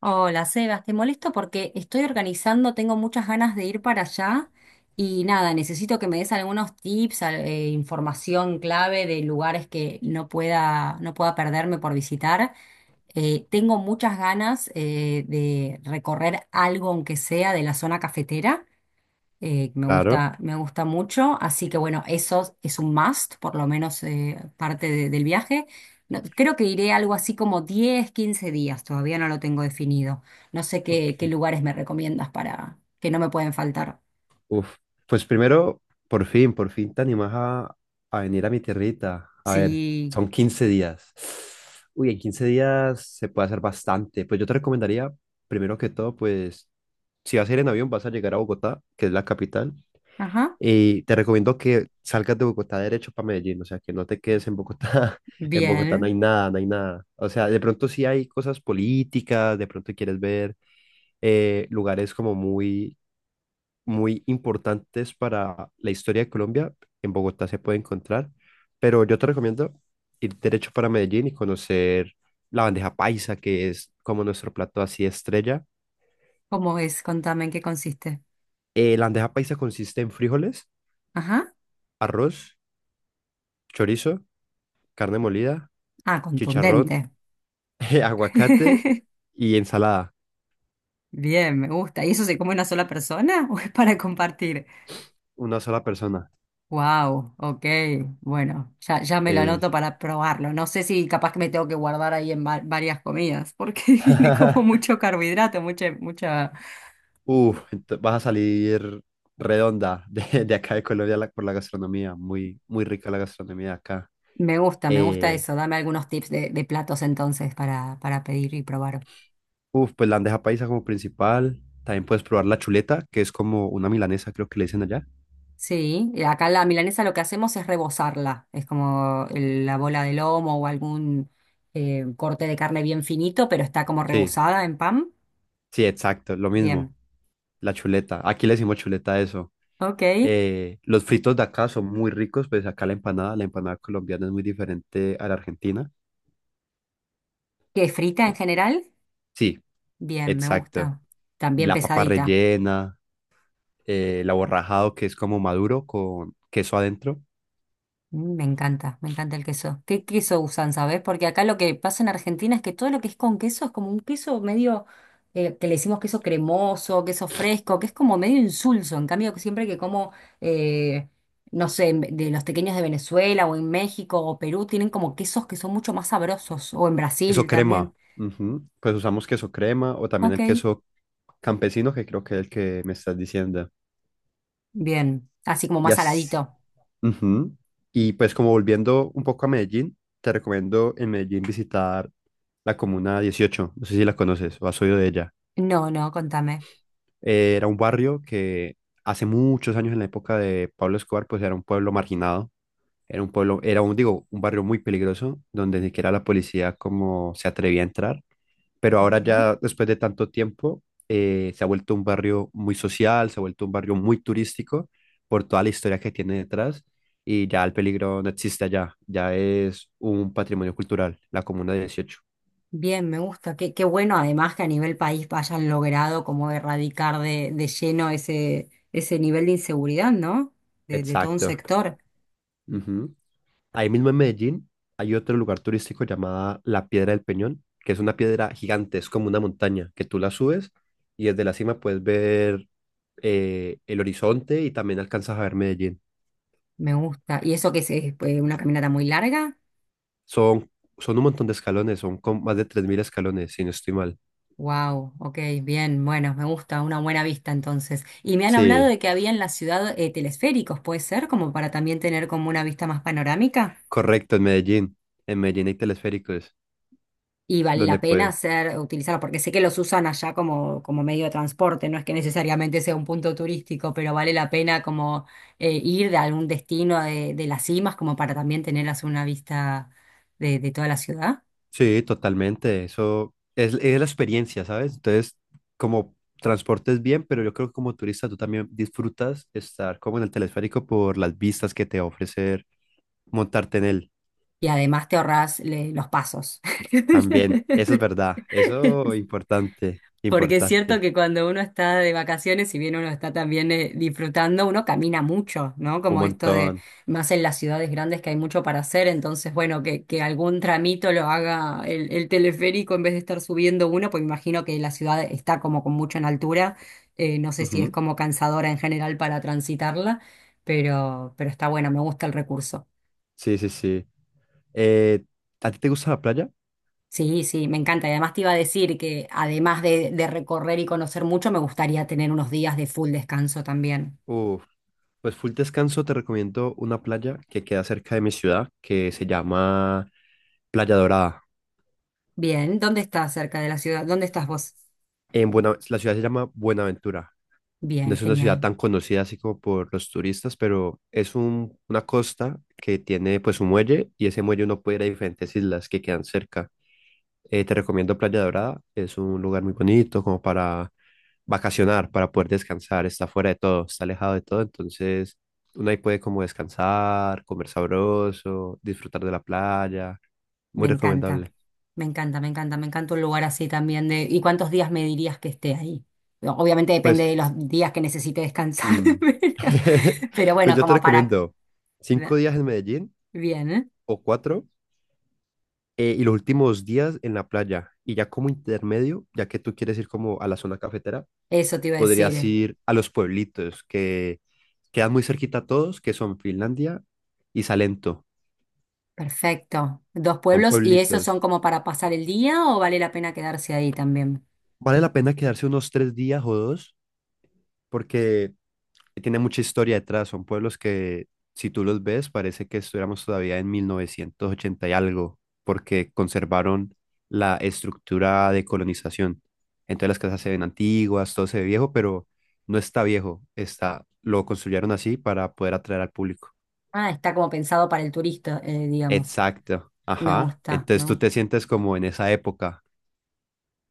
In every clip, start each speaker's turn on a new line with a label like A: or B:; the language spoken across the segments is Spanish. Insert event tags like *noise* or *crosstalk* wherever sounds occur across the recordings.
A: Hola, Sebas, te molesto porque estoy organizando, tengo muchas ganas de ir para allá y nada, necesito que me des algunos tips, información clave de lugares que no pueda perderme por visitar. Tengo muchas ganas de recorrer algo, aunque sea de la zona cafetera
B: Claro.
A: me gusta mucho, así que bueno, eso es un must, por lo menos del viaje. Creo que iré algo así como 10 15 días, todavía no lo tengo definido. No sé
B: Ok.
A: qué, qué lugares me recomiendas para que no me pueden faltar.
B: Uf. Pues primero, por fin te animas a venir a mi tierrita. A ver,
A: Sí,
B: son 15 días. Uy, en 15 días se puede hacer bastante. Pues yo te recomendaría, primero que todo, pues si vas a ir en avión, vas a llegar a Bogotá, que es la capital.
A: ajá,
B: Y te recomiendo que salgas de Bogotá derecho para Medellín, o sea, que no te quedes en Bogotá. *laughs* En Bogotá no
A: bien.
B: hay nada, no hay nada. O sea, de pronto sí hay cosas políticas, de pronto quieres ver lugares como muy muy importantes para la historia de Colombia. En Bogotá se puede encontrar, pero yo te recomiendo ir derecho para Medellín y conocer la bandeja paisa, que es como nuestro plato así estrella.
A: ¿Cómo es? Contame en qué consiste.
B: La bandeja paisa consiste en frijoles,
A: Ajá,
B: arroz, chorizo, carne molida,
A: ah,
B: chicharrón,
A: contundente.
B: *laughs* aguacate
A: *laughs*
B: y ensalada.
A: Bien, me gusta. ¿Y eso se come una sola persona o es para compartir?
B: Una sola persona.
A: Wow, ok. Bueno, ya me lo
B: Es-
A: anoto para probarlo. No sé si capaz que me tengo que guardar ahí en varias comidas, porque *laughs* tiene como mucho
B: *laughs*
A: carbohidrato, mucha.
B: Vas a salir redonda de acá de Colombia por la gastronomía. Muy, muy rica la gastronomía de acá.
A: Me gusta
B: Eh,
A: eso. Dame algunos tips de platos entonces para pedir y probar.
B: pues la bandeja paisa como principal. También puedes probar la chuleta, que es como una milanesa, creo que le dicen allá.
A: Sí, y acá la milanesa lo que hacemos es rebozarla. Es como la bola de lomo o algún corte de carne bien finito, pero está como
B: Sí,
A: rebozada en pan.
B: sí, exacto, lo mismo.
A: Bien.
B: La chuleta. Aquí le decimos chuleta a eso.
A: Ok.
B: Los fritos de acá son muy ricos, pues acá la empanada colombiana es muy diferente a la argentina.
A: ¿Qué frita en
B: Eh,
A: general?
B: sí,
A: Bien, me
B: exacto.
A: gusta. También
B: La papa
A: pesadita.
B: rellena, el aborrajado, que es como maduro con queso adentro.
A: Mm, me encanta, me encanta el queso. ¿Qué queso usan, sabes? Porque acá lo que pasa en Argentina es que todo lo que es con queso es como un queso medio, que le decimos queso cremoso, queso fresco, que es como medio insulso. En cambio, siempre que como, eh, no sé, de los pequeños de Venezuela o en México o Perú, tienen como quesos que son mucho más sabrosos. O en
B: Queso
A: Brasil
B: crema.
A: también.
B: Ujú. Pues usamos queso crema o también
A: Ok,
B: el queso campesino, que creo que es el que me estás diciendo.
A: bien. Así como
B: Y
A: más
B: así.
A: saladito.
B: Ujú. Y pues como volviendo un poco a Medellín, te recomiendo en Medellín visitar la Comuna 18. No sé si la conoces o has oído de ella.
A: No, no, contame.
B: Era un barrio que hace muchos años en la época de Pablo Escobar, pues era un pueblo marginado. Era un pueblo, era un, digo, un barrio muy peligroso, donde ni siquiera la policía como se atrevía a entrar, pero
A: Ok.
B: ahora ya después de tanto tiempo se ha vuelto un barrio muy social, se ha vuelto un barrio muy turístico por toda la historia que tiene detrás, y ya el peligro no existe allá, ya es un patrimonio cultural, la Comuna 18.
A: Bien, me gusta. Qué bueno además que a nivel país hayan logrado como erradicar de lleno ese nivel de inseguridad, ¿no? De todo un
B: Exacto.
A: sector.
B: Ujú. Ahí mismo en Medellín hay otro lugar turístico llamada la Piedra del Peñón, que es una piedra gigante, es como una montaña que tú la subes y desde la cima puedes ver el horizonte y también alcanzas a ver Medellín.
A: Me gusta. ¿Y eso que es, una caminata muy larga?
B: Son, son un montón de escalones, son con más de 3000 escalones, si no estoy mal.
A: Wow, ok, bien, bueno, me gusta, una buena vista entonces. Y me han hablado
B: Sí,
A: de que había en la ciudad telesféricos, ¿puede ser? Como para también tener como una vista más panorámica.
B: correcto, en Medellín. En Medellín hay telesféricos,
A: Y vale
B: donde
A: la pena
B: puedes.
A: hacer, utilizarlos porque sé que los usan allá como, como medio de transporte, no es que necesariamente sea un punto turístico, pero vale la pena como ir de algún destino de las cimas como para también tener así una vista de toda la ciudad.
B: Sí, totalmente. Eso es la experiencia, ¿sabes? Entonces, como transportes bien, pero yo creo que como turista tú también disfrutas estar como en el telesférico por las vistas que te va a ofrecer montarte en él.
A: Y además te ahorras los pasos.
B: También, eso es
A: *laughs*
B: verdad. Eso importante,
A: Porque es cierto
B: importante.
A: que cuando uno está de vacaciones, si bien uno está también disfrutando, uno camina mucho, ¿no?
B: Un
A: Como esto de,
B: montón.
A: más en las ciudades grandes que hay mucho para hacer, entonces, bueno, que algún tramito lo haga el teleférico en vez de estar subiendo uno, pues imagino que la ciudad está como con mucho en altura, no sé si es
B: Ujú.
A: como cansadora en general para transitarla, pero está bueno, me gusta el recurso.
B: Sí, sí, sí. Eh, ¿A ti te gusta la playa?
A: Sí, sí, me encanta. Y además te iba a decir que además de recorrer y conocer mucho, me gustaría tener unos días de full descanso también.
B: Uf, pues full descanso te recomiendo una playa que queda cerca de mi ciudad, que se llama Playa Dorada.
A: Bien, ¿dónde estás cerca de la ciudad? ¿Dónde estás vos?
B: La ciudad se llama Buenaventura. No
A: Bien,
B: es una ciudad
A: genial.
B: tan conocida así como por los turistas, pero es una costa que tiene pues un muelle y ese muelle uno puede ir a diferentes islas que quedan cerca. Te recomiendo Playa Dorada, es un lugar muy bonito como para vacacionar, para poder descansar, está fuera de todo, está alejado de todo, entonces uno ahí puede como descansar, comer sabroso, disfrutar de la playa,
A: Me
B: muy
A: encanta.
B: recomendable.
A: Me encanta, me encanta, me encanta un lugar así también de. ¿Y cuántos días me dirías que esté ahí? No, obviamente depende
B: Pues,
A: de los días que necesite descansar,
B: mm,
A: *laughs* pero,
B: *laughs*
A: pero
B: pues
A: bueno,
B: yo te
A: como para.
B: recomiendo 5 días en Medellín
A: Bien, ¿eh?
B: o cuatro, y los últimos días en la playa y ya como intermedio, ya que tú quieres ir como a la zona cafetera,
A: Eso te iba a
B: podrías
A: decir.
B: ir a los pueblitos que quedan muy cerquita a todos, que son Finlandia y Salento.
A: Perfecto. Dos
B: Son
A: pueblos, ¿y esos son
B: pueblitos.
A: como para pasar el día o vale la pena quedarse ahí también?
B: Vale la pena quedarse unos 3 días o dos porque tiene mucha historia detrás. Son pueblos que, si tú los ves, parece que estuviéramos todavía en 1980 y algo, porque conservaron la estructura de colonización. Entonces las casas se ven antiguas, todo se ve viejo, pero no está viejo. Está, lo construyeron así para poder atraer al público.
A: Ah, está como pensado para el turista, digamos.
B: Exacto.
A: Me
B: Ajá.
A: gusta,
B: Entonces
A: me
B: tú
A: gusta.
B: te sientes como en esa época.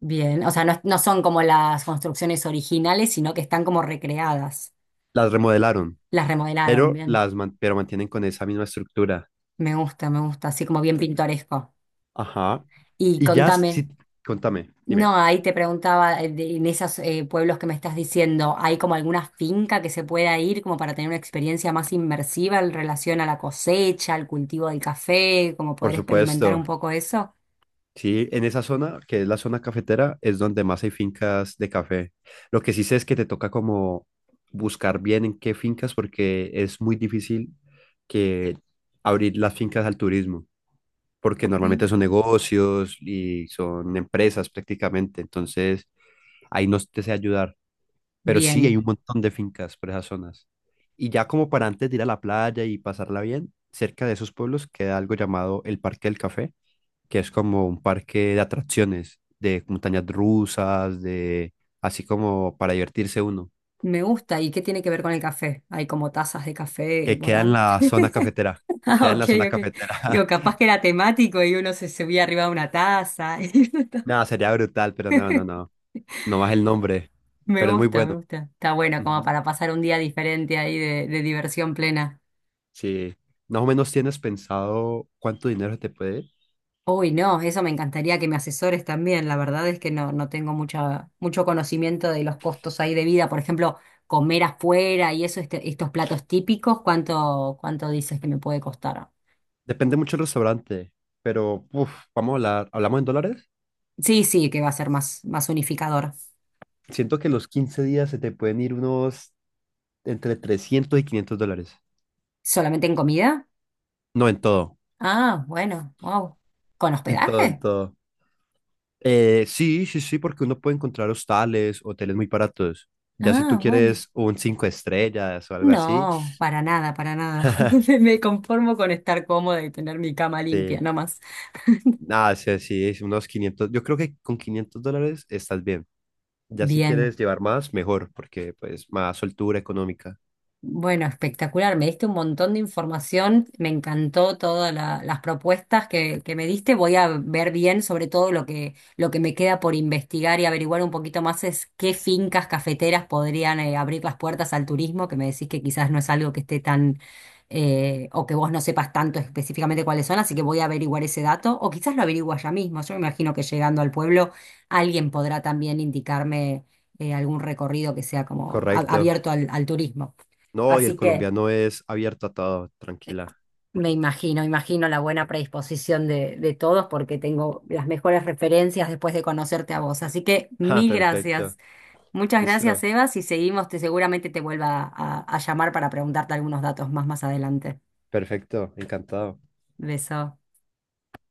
A: Bien, o sea, no, no son como las construcciones originales, sino que están como recreadas.
B: Las remodelaron,
A: Las remodelaron,
B: pero
A: bien.
B: pero mantienen con esa misma estructura.
A: Me gusta, así como bien pintoresco.
B: Ajá.
A: Y
B: Y ya,
A: contame,
B: sí, contame, dime.
A: no, ahí te preguntaba, en esos pueblos que me estás diciendo, ¿hay como alguna finca que se pueda ir como para tener una experiencia más inmersiva en relación a la cosecha, al cultivo del café, como
B: Por
A: poder experimentar un
B: supuesto.
A: poco eso?
B: Sí, en esa zona, que es la zona cafetera, es donde más hay fincas de café. Lo que sí sé es que te toca como buscar bien en qué fincas, porque es muy difícil que abrir las fincas al turismo, porque
A: Ok.
B: normalmente son negocios y son empresas prácticamente. Entonces, ahí no te sé ayudar, pero sí hay
A: Bien,
B: un montón de fincas por esas zonas. Y ya como para antes de ir a la playa y pasarla bien, cerca de esos pueblos queda algo llamado el Parque del Café, que es como un parque de atracciones, de montañas rusas, de así como para divertirse uno,
A: me gusta. ¿Y qué tiene que ver con el café? ¿Hay como tazas de café
B: que queda en
A: volando?
B: la zona cafetera,
A: Ah,
B: queda en
A: ok,
B: la zona
A: ok. Digo,
B: cafetera.
A: capaz que era temático y uno se subía arriba de una taza. *laughs*
B: *laughs* Nada, sería brutal, pero no, no, no, no más el nombre,
A: Me
B: pero es muy
A: gusta, me
B: bueno.
A: gusta. Está bueno como
B: Ujú.
A: para pasar un día diferente ahí de diversión plena.
B: Sí, más o menos tienes pensado cuánto dinero se te puede ir.
A: Uy, no, eso me encantaría que me asesores también. La verdad es que no, no tengo mucha, mucho conocimiento de los costos ahí de vida. Por ejemplo, comer afuera y eso, estos platos típicos, ¿cuánto dices que me puede costar?
B: Depende mucho del restaurante, pero uf, vamos a hablar, hablamos en dólares.
A: Sí, sí, que va a ser más unificador.
B: Siento que los 15 días se te pueden ir unos entre $300 y $500.
A: ¿Solamente en comida?
B: No, en todo,
A: Ah, bueno, wow. ¿Con
B: en todo, en
A: hospedaje?
B: todo. Sí, sí, sí, porque uno puede encontrar hostales, hoteles muy baratos. Ya si tú
A: Ah, bueno.
B: quieres un 5 estrellas o algo así.
A: No, para nada, para nada. *laughs*
B: *laughs*
A: Me conformo con estar cómoda y tener mi cama limpia,
B: Sí,
A: no más.
B: nada, sí, sí, es unos 500. Yo creo que con $500 estás bien. Ya si
A: Bien.
B: quieres llevar más, mejor, porque pues más soltura económica.
A: Bueno, espectacular. Me diste un montón de información. Me encantó todas las propuestas que me diste. Voy a ver bien, sobre todo lo que me queda por investigar y averiguar un poquito más es qué fincas cafeteras podrían abrir las puertas al turismo, que me decís que quizás no es algo que esté tan o que vos no sepas tanto específicamente cuáles son, así que voy a averiguar ese dato, o quizás lo averigua ya mismo. Yo me imagino que llegando al pueblo alguien podrá también indicarme algún recorrido que sea como
B: Correcto.
A: abierto al turismo.
B: No, y el
A: Así que
B: colombiano es abierto a todo, tranquila. *laughs*
A: me imagino, imagino la buena predisposición de todos porque tengo las mejores referencias después de conocerte a vos. Así que
B: Ah,
A: mil gracias.
B: perfecto.
A: Muchas gracias,
B: Listo.
A: Eva. Si seguimos, te seguramente te vuelva a llamar para preguntarte algunos datos más más adelante.
B: Perfecto, encantado.
A: Beso.